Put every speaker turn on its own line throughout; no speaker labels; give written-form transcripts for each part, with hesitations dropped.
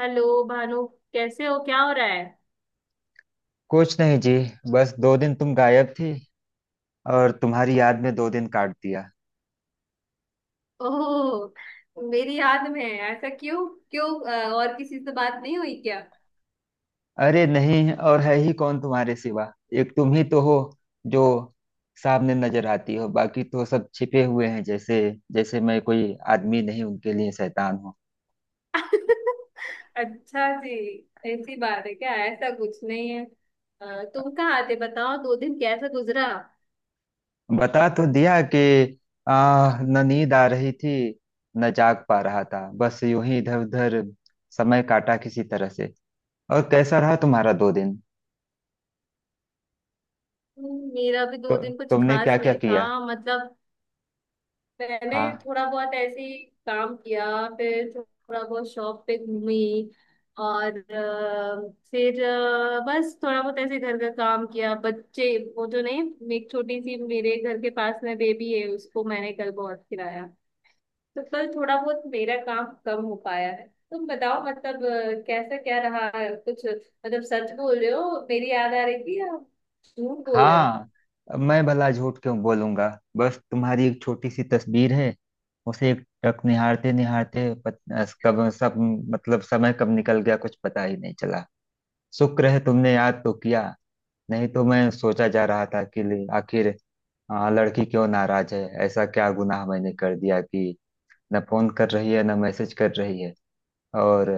Hello Bhanu, कैसे हो? क्या हो रहा है?
कुछ नहीं जी। बस दो दिन तुम गायब थी और तुम्हारी याद में दो दिन काट दिया।
ओह, मेरी याद में है? ऐसा क्यों? क्यों, और किसी से बात नहीं हुई क्या?
अरे नहीं, और है ही कौन तुम्हारे सिवा। एक तुम ही तो हो जो सामने नजर आती हो, बाकी तो सब छिपे हुए हैं जैसे जैसे मैं कोई आदमी नहीं, उनके लिए शैतान हूँ।
अच्छा जी, ऐसी बात है क्या? ऐसा कुछ नहीं है। तुम कहाँ आते, बताओ, दो दिन कैसा गुजरा?
बता तो दिया कि आ न नींद आ रही थी, न जाग पा रहा था, बस यूं ही इधर उधर समय काटा किसी तरह से। और कैसा रहा तुम्हारा दो दिन?
मेरा भी
तो
दो दिन कुछ
तुमने
खास
क्या क्या
नहीं था।
किया?
मतलब मैंने
हाँ।
थोड़ा बहुत ऐसे ही काम किया, फिर थोड़ा बहुत शॉप पे घूमी, और फिर बस थोड़ा बहुत ऐसे घर का काम किया। बच्चे, वो जो नहीं, एक छोटी सी मेरे घर के पास में बेबी है, उसको मैंने कल बहुत खिलाया, तो कल थोड़ा बहुत मेरा काम कम हो पाया है। तुम बताओ मतलब, कैसा क्या रहा है? कुछ मतलब सच बोल रहे हो, मेरी याद आ रही थी, या झूठ बोल रहे हो?
हाँ, मैं भला झूठ क्यों बोलूंगा। बस तुम्हारी एक छोटी सी तस्वीर है, उसे एक टक निहारते निहारते कब सब मतलब समय कब निकल गया कुछ पता ही नहीं चला। शुक्र है तुमने याद तो किया, नहीं तो मैं सोचा जा रहा था कि आखिर लड़की क्यों नाराज है, ऐसा क्या गुनाह मैंने कर दिया कि न फोन कर रही है न मैसेज कर रही है। और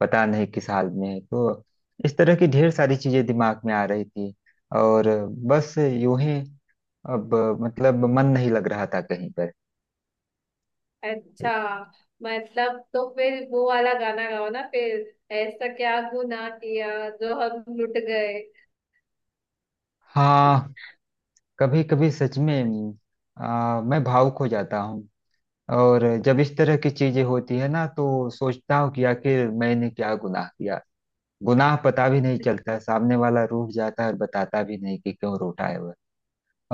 पता नहीं किस हाल में है, तो इस तरह की ढेर सारी चीजें दिमाग में आ रही थी। और बस यूं ही अब मतलब मन नहीं लग रहा था कहीं पर।
अच्छा, मतलब तो फिर वो वाला गाना गाओ ना, फिर ऐसा क्या गुनाह किया जो हम लुट गए।
हाँ, कभी कभी सच में मैं भावुक हो जाता हूँ। और जब इस तरह की चीजें होती है ना तो सोचता हूँ कि आखिर मैंने क्या गुनाह किया। गुनाह पता भी नहीं चलता, सामने वाला रूठ जाता है और बताता भी नहीं कि क्यों रूठा है वह।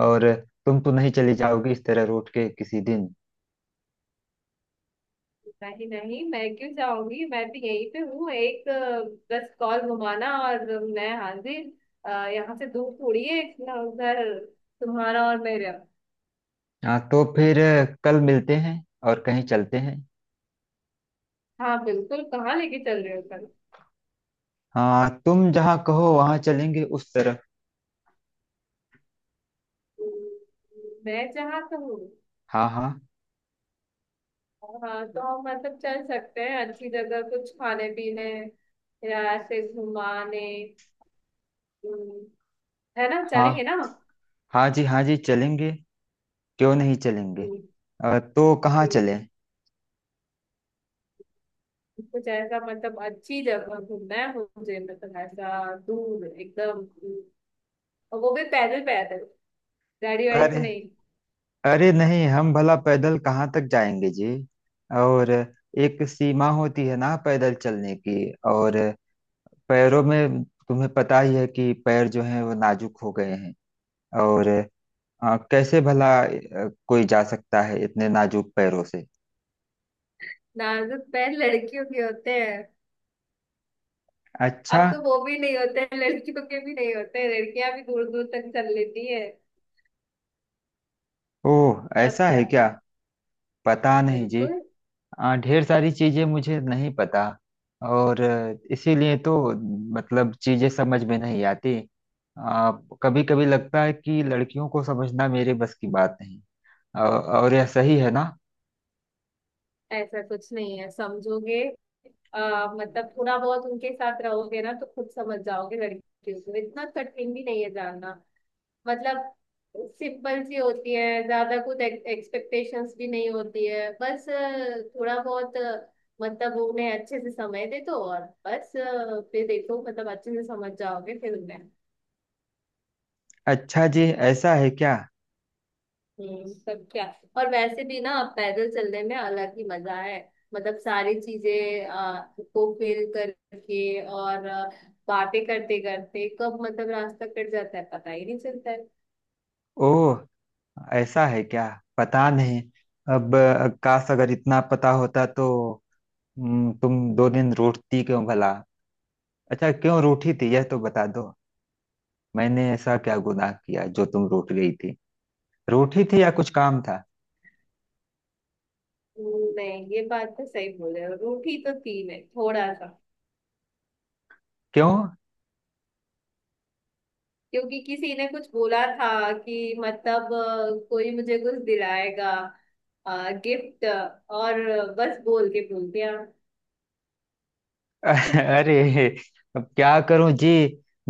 और तुम तो नहीं चली जाओगी इस तरह रूठ के किसी दिन?
नहीं नहीं, मैं क्यों जाऊंगी, मैं भी यहीं पे हूँ, एक बस कॉल घुमाना और मैं हाजिर। यहाँ से दूर थोड़ी है इतना, उधर तुम्हारा और मेरा।
हाँ तो फिर कल मिलते हैं और कहीं चलते हैं।
हाँ बिल्कुल, कहाँ लेके चल रहे हो कल?
हाँ, तुम जहाँ कहो वहाँ चलेंगे उस तरफ।
मैं जहाँ कहूँ।
हाँ हाँ
हाँ तो हम मतलब चल सकते हैं अच्छी जगह, कुछ खाने पीने या ऐसे घुमाने। हम्म, है ना, चलेंगे
हाँ।
ना?
हाँ जी, हाँ जी, चलेंगे। क्यों नहीं चलेंगे।
हम्म।
तो कहाँ
हम्म।
चलें?
कुछ ऐसा मतलब अच्छी जगह घूमना है मुझे, मतलब ऐसा दूर एकदम। और वो भी पैदल पैदल, गाड़ी वाड़ी से
अरे,
नहीं।
अरे नहीं, हम भला पैदल कहाँ तक जाएंगे जी। और एक सीमा होती है ना पैदल चलने की। और पैरों में, तुम्हें पता ही है कि पैर जो हैं वो नाजुक हो गए हैं। और कैसे भला कोई जा सकता है इतने नाजुक पैरों से।
नाजुक पैर लड़कियों के होते हैं। अब
अच्छा।
तो वो भी नहीं होते हैं, लड़कियों के भी नहीं होते हैं, लड़कियां भी दूर दूर तक चल लेती है।
ओह,
तब
ऐसा है
क्या?
क्या। पता नहीं जी।
बिल्कुल।
ढेर सारी चीजें मुझे नहीं पता। और इसीलिए तो मतलब चीजें समझ में नहीं आती। आ, कभी कभी लगता है कि लड़कियों को समझना मेरे बस की बात नहीं। औ- और यह सही है ना।
ऐसा कुछ नहीं है, समझोगे। मतलब थोड़ा बहुत उनके साथ रहोगे ना तो खुद समझ जाओगे। लड़कियों को इतना कठिन भी नहीं है जानना। मतलब सिंपल सी होती है, ज्यादा कुछ एक्सपेक्टेशंस भी नहीं होती है, बस थोड़ा बहुत मतलब उन्हें अच्छे से समय दे दो, और बस फिर देखो, मतलब अच्छे से समझ जाओगे फिर उन्हें।
अच्छा जी। ऐसा है क्या।
हम्म। सब क्या। और वैसे भी ना, पैदल चलने में अलग ही मजा है। मतलब सारी चीजें को फील करके और बातें करते करते कब मतलब रास्ता कट जाता है पता ही नहीं चलता है।
ओह, ऐसा है क्या। पता नहीं। अब काश अगर इतना पता होता तो। तुम दो दिन रोती क्यों भला? अच्छा, क्यों रूठी थी यह तो बता दो। मैंने ऐसा क्या गुनाह किया जो तुम रोट गई थी? रोटी थी या कुछ काम था?
नहीं, ये बात तो सही बोले हो, रूठी तो थी मैं थोड़ा सा।
क्यों?
क्योंकि किसी ने कुछ बोला था कि मतलब कोई मुझे कुछ दिलाएगा, गिफ्ट, और बस बोल के भूल गया।
अरे, अब क्या करूं जी।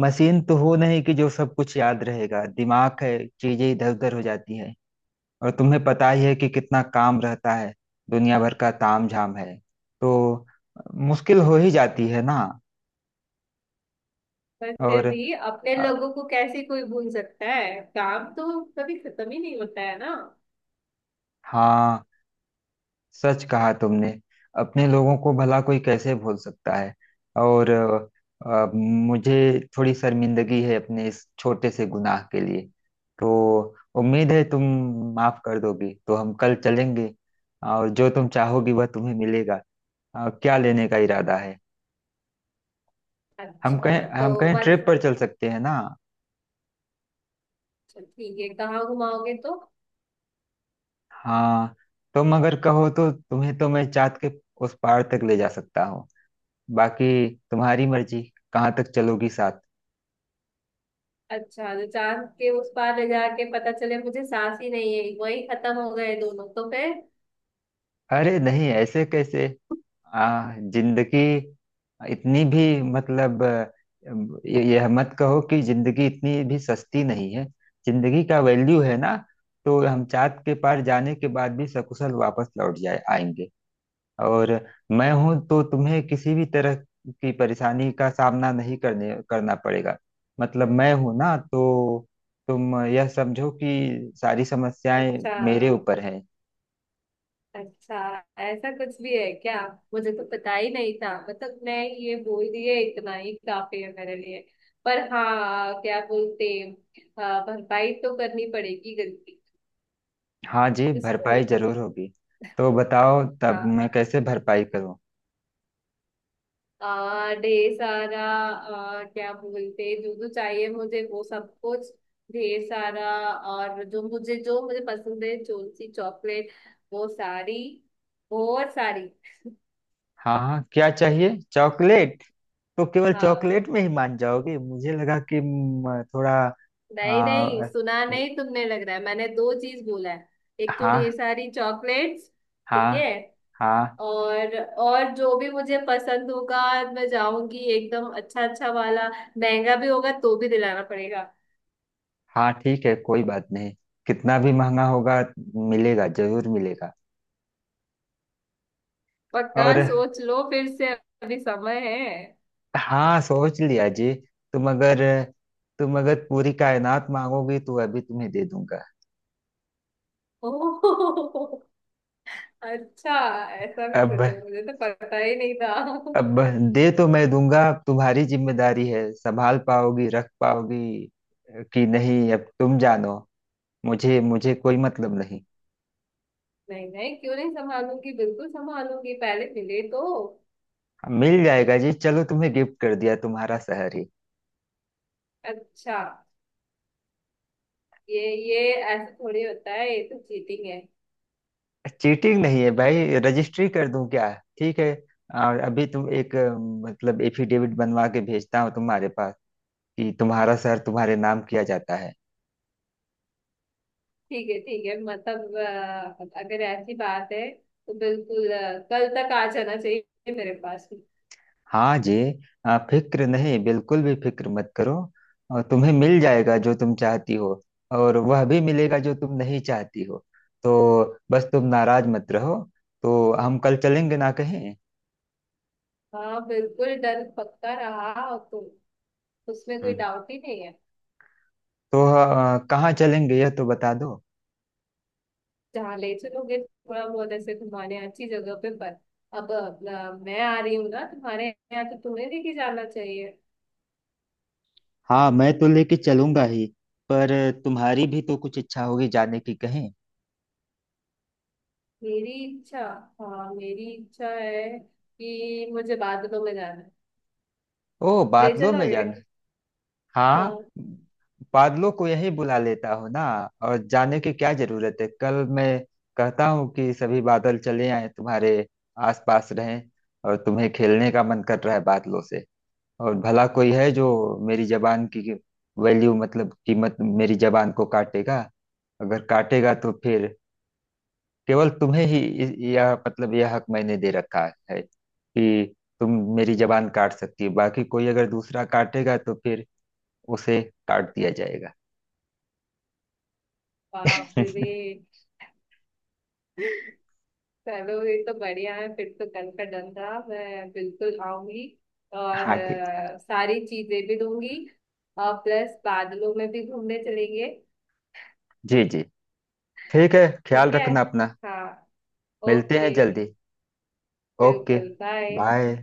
मशीन तो हो नहीं कि जो सब कुछ याद रहेगा, दिमाग है, चीजें इधर उधर हो जाती हैं। और तुम्हें पता ही है कि कितना काम रहता है, दुनिया भर का ताम झाम है, तो मुश्किल हो ही जाती है ना।
पर
और
फिर भी अपने
अ,
लोगों को कैसे कोई भूल सकता है, काम तो कभी खत्म ही नहीं होता है ना।
हाँ, सच कहा तुमने, अपने लोगों को भला कोई कैसे भूल सकता है। और मुझे थोड़ी शर्मिंदगी है अपने इस छोटे से गुनाह के लिए। तो उम्मीद है तुम माफ कर दोगी, तो हम कल चलेंगे और जो तुम चाहोगी वह तुम्हें मिलेगा। क्या लेने का इरादा है?
अच्छा, तो
हम कहीं
बस
ट्रिप पर चल सकते हैं ना।
ठीक है, कहाँ घुमाओगे तो?
हाँ, तुम अगर कहो तो तुम्हें तो मैं चाँद के उस पार तक ले जा सकता हूँ। बाकी तुम्हारी मर्जी, कहाँ तक चलोगी साथ।
अच्छा, तो चांद के उस पार ले जाके पता चले मुझे सांस ही नहीं है, वही खत्म हो गए दोनों, तो फिर?
अरे नहीं, ऐसे कैसे। जिंदगी इतनी भी मतलब यह मत कहो कि जिंदगी इतनी भी सस्ती नहीं है। जिंदगी का वैल्यू है ना, तो हम चाँद के पार जाने के बाद भी सकुशल वापस लौट जाए आएंगे। और मैं हूं तो तुम्हें किसी भी तरह की परेशानी का सामना नहीं करने करना पड़ेगा। मतलब मैं हूं ना, तो तुम यह समझो कि सारी समस्याएं
अच्छा।
मेरे ऊपर हैं।
अच्छा, ऐसा कुछ भी है क्या? मुझे तो पता ही नहीं था। मतलब मैं ये बोल दिए इतना ही काफी है मेरे लिए। पर हाँ क्या बोलते। हाँ, भरपाई तो करनी पड़ेगी गलती
हाँ जी,
इसको।
भरपाई जरूर होगी। तो बताओ तब
हाँ,
मैं कैसे भरपाई करूं।
ढेर सारा, क्या बोलते, जो जो चाहिए मुझे वो सब कुछ, ढेर सारा। और जो मुझे, जो मुझे पसंद है, जो सी चॉकलेट, वो सारी, और सारी।
हाँ हाँ, क्या चाहिए, चॉकलेट? तो केवल
हाँ,
चॉकलेट में ही मान जाओगी, मुझे लगा कि थोड़ा
नहीं नहीं,
आ,
सुना नहीं तुमने? लग रहा है मैंने दो चीज बोला है। एक तो ढेर
हाँ।
सारी चॉकलेट्स। ठीक है।
हाँ। हाँ।
और और जो भी मुझे पसंद होगा, मैं जाऊंगी एकदम अच्छा अच्छा वाला, महंगा भी होगा तो भी दिलाना पड़ेगा।
हाँ, ठीक है, कोई बात नहीं, कितना भी महंगा होगा मिलेगा, जरूर मिलेगा।
पक्का
और
सोच लो फिर से, अभी समय है।
हाँ, सोच लिया जी। तुम अगर तुम अगर पूरी कायनात मांगोगी तो अभी तुम्हें दे दूंगा।
ओह, अच्छा, ऐसा भी
अब
कुछ है, मुझे तो पता ही नहीं था।
अब बस दे तो मैं दूंगा, अब तुम्हारी जिम्मेदारी है, संभाल पाओगी रख पाओगी कि नहीं, अब तुम जानो। मुझे मुझे कोई मतलब नहीं।
नहीं नहीं, क्यों नहीं संभालूंगी, बिल्कुल संभालूंगी, पहले मिले तो।
हाँ, मिल जाएगा जी, चलो तुम्हें गिफ्ट कर दिया, तुम्हारा शहर ही।
अच्छा, ये ये ऐसा थोड़ी होता है, ये तो चीटिंग है।
चीटिंग नहीं है भाई, रजिस्ट्री कर दूं क्या? ठीक है। और अभी तुम एक मतलब एफिडेविट बनवा के भेजता हूँ तुम्हारे पास कि तुम्हारा शहर तुम्हारे नाम किया जाता है।
ठीक है, ठीक है, मतलब अगर ऐसी बात है तो बिल्कुल कल तक आ जाना चाहिए मेरे पास भी।
हाँ जी, फिक्र नहीं, बिल्कुल भी फिक्र मत करो। और तुम्हें मिल जाएगा जो तुम चाहती हो, और वह भी मिलेगा जो तुम नहीं चाहती हो। तो बस तुम नाराज मत रहो। तो हम कल चलेंगे ना कहीं।
हाँ बिल्कुल, डन, पक्का रहा, और तो उसमें कोई
हम्म।
डाउट ही नहीं है।
तो कहाँ चलेंगे यह तो बता दो।
जहाँ ले चलोगे, थोड़ा बहुत ऐसे घुमाने अच्छी जगह पे, पर अब मैं आ रही हूँ ना तुम्हारे यहाँ, तो तुम्हें लेके जाना चाहिए।
हाँ, मैं तो लेके चलूंगा ही, पर तुम्हारी भी तो कुछ इच्छा होगी जाने की कहीं।
मेरी इच्छा? हाँ, मेरी इच्छा है कि मुझे बादलों में जाना है।
ओ,
ले
बादलों में
चलोगे?
जाना। हाँ।
हाँ।
बादलों को यही बुला लेता हूँ ना, और जाने की क्या जरूरत है, कल मैं कहता हूँ कि सभी बादल चले आए तुम्हारे आसपास रहें। और तुम्हें खेलने का मन कर रहा है बादलों से। और भला कोई है जो मेरी जबान की वैल्यू मतलब कीमत, मेरी जबान को काटेगा? अगर काटेगा तो फिर केवल तुम्हें ही यह मतलब यह हक मैंने दे रखा है कि तुम मेरी जबान काट सकती हो, बाकी कोई अगर दूसरा काटेगा तो फिर उसे काट दिया जाएगा।
बाप रे बे। चलो, ये तो बढ़िया है, फिर तो कल का डन था, मैं बिल्कुल आऊंगी। और
हाँ, ठीक।
सारी चीजें भी दूंगी। और प्लस बादलों में भी घूमने चलेंगे।
जी जी, ठीक है, ख्याल
ठीक है।
रखना अपना।
हाँ।
मिलते हैं
ओके,
जल्दी। ओके।
बिल्कुल, बाय।
बाय।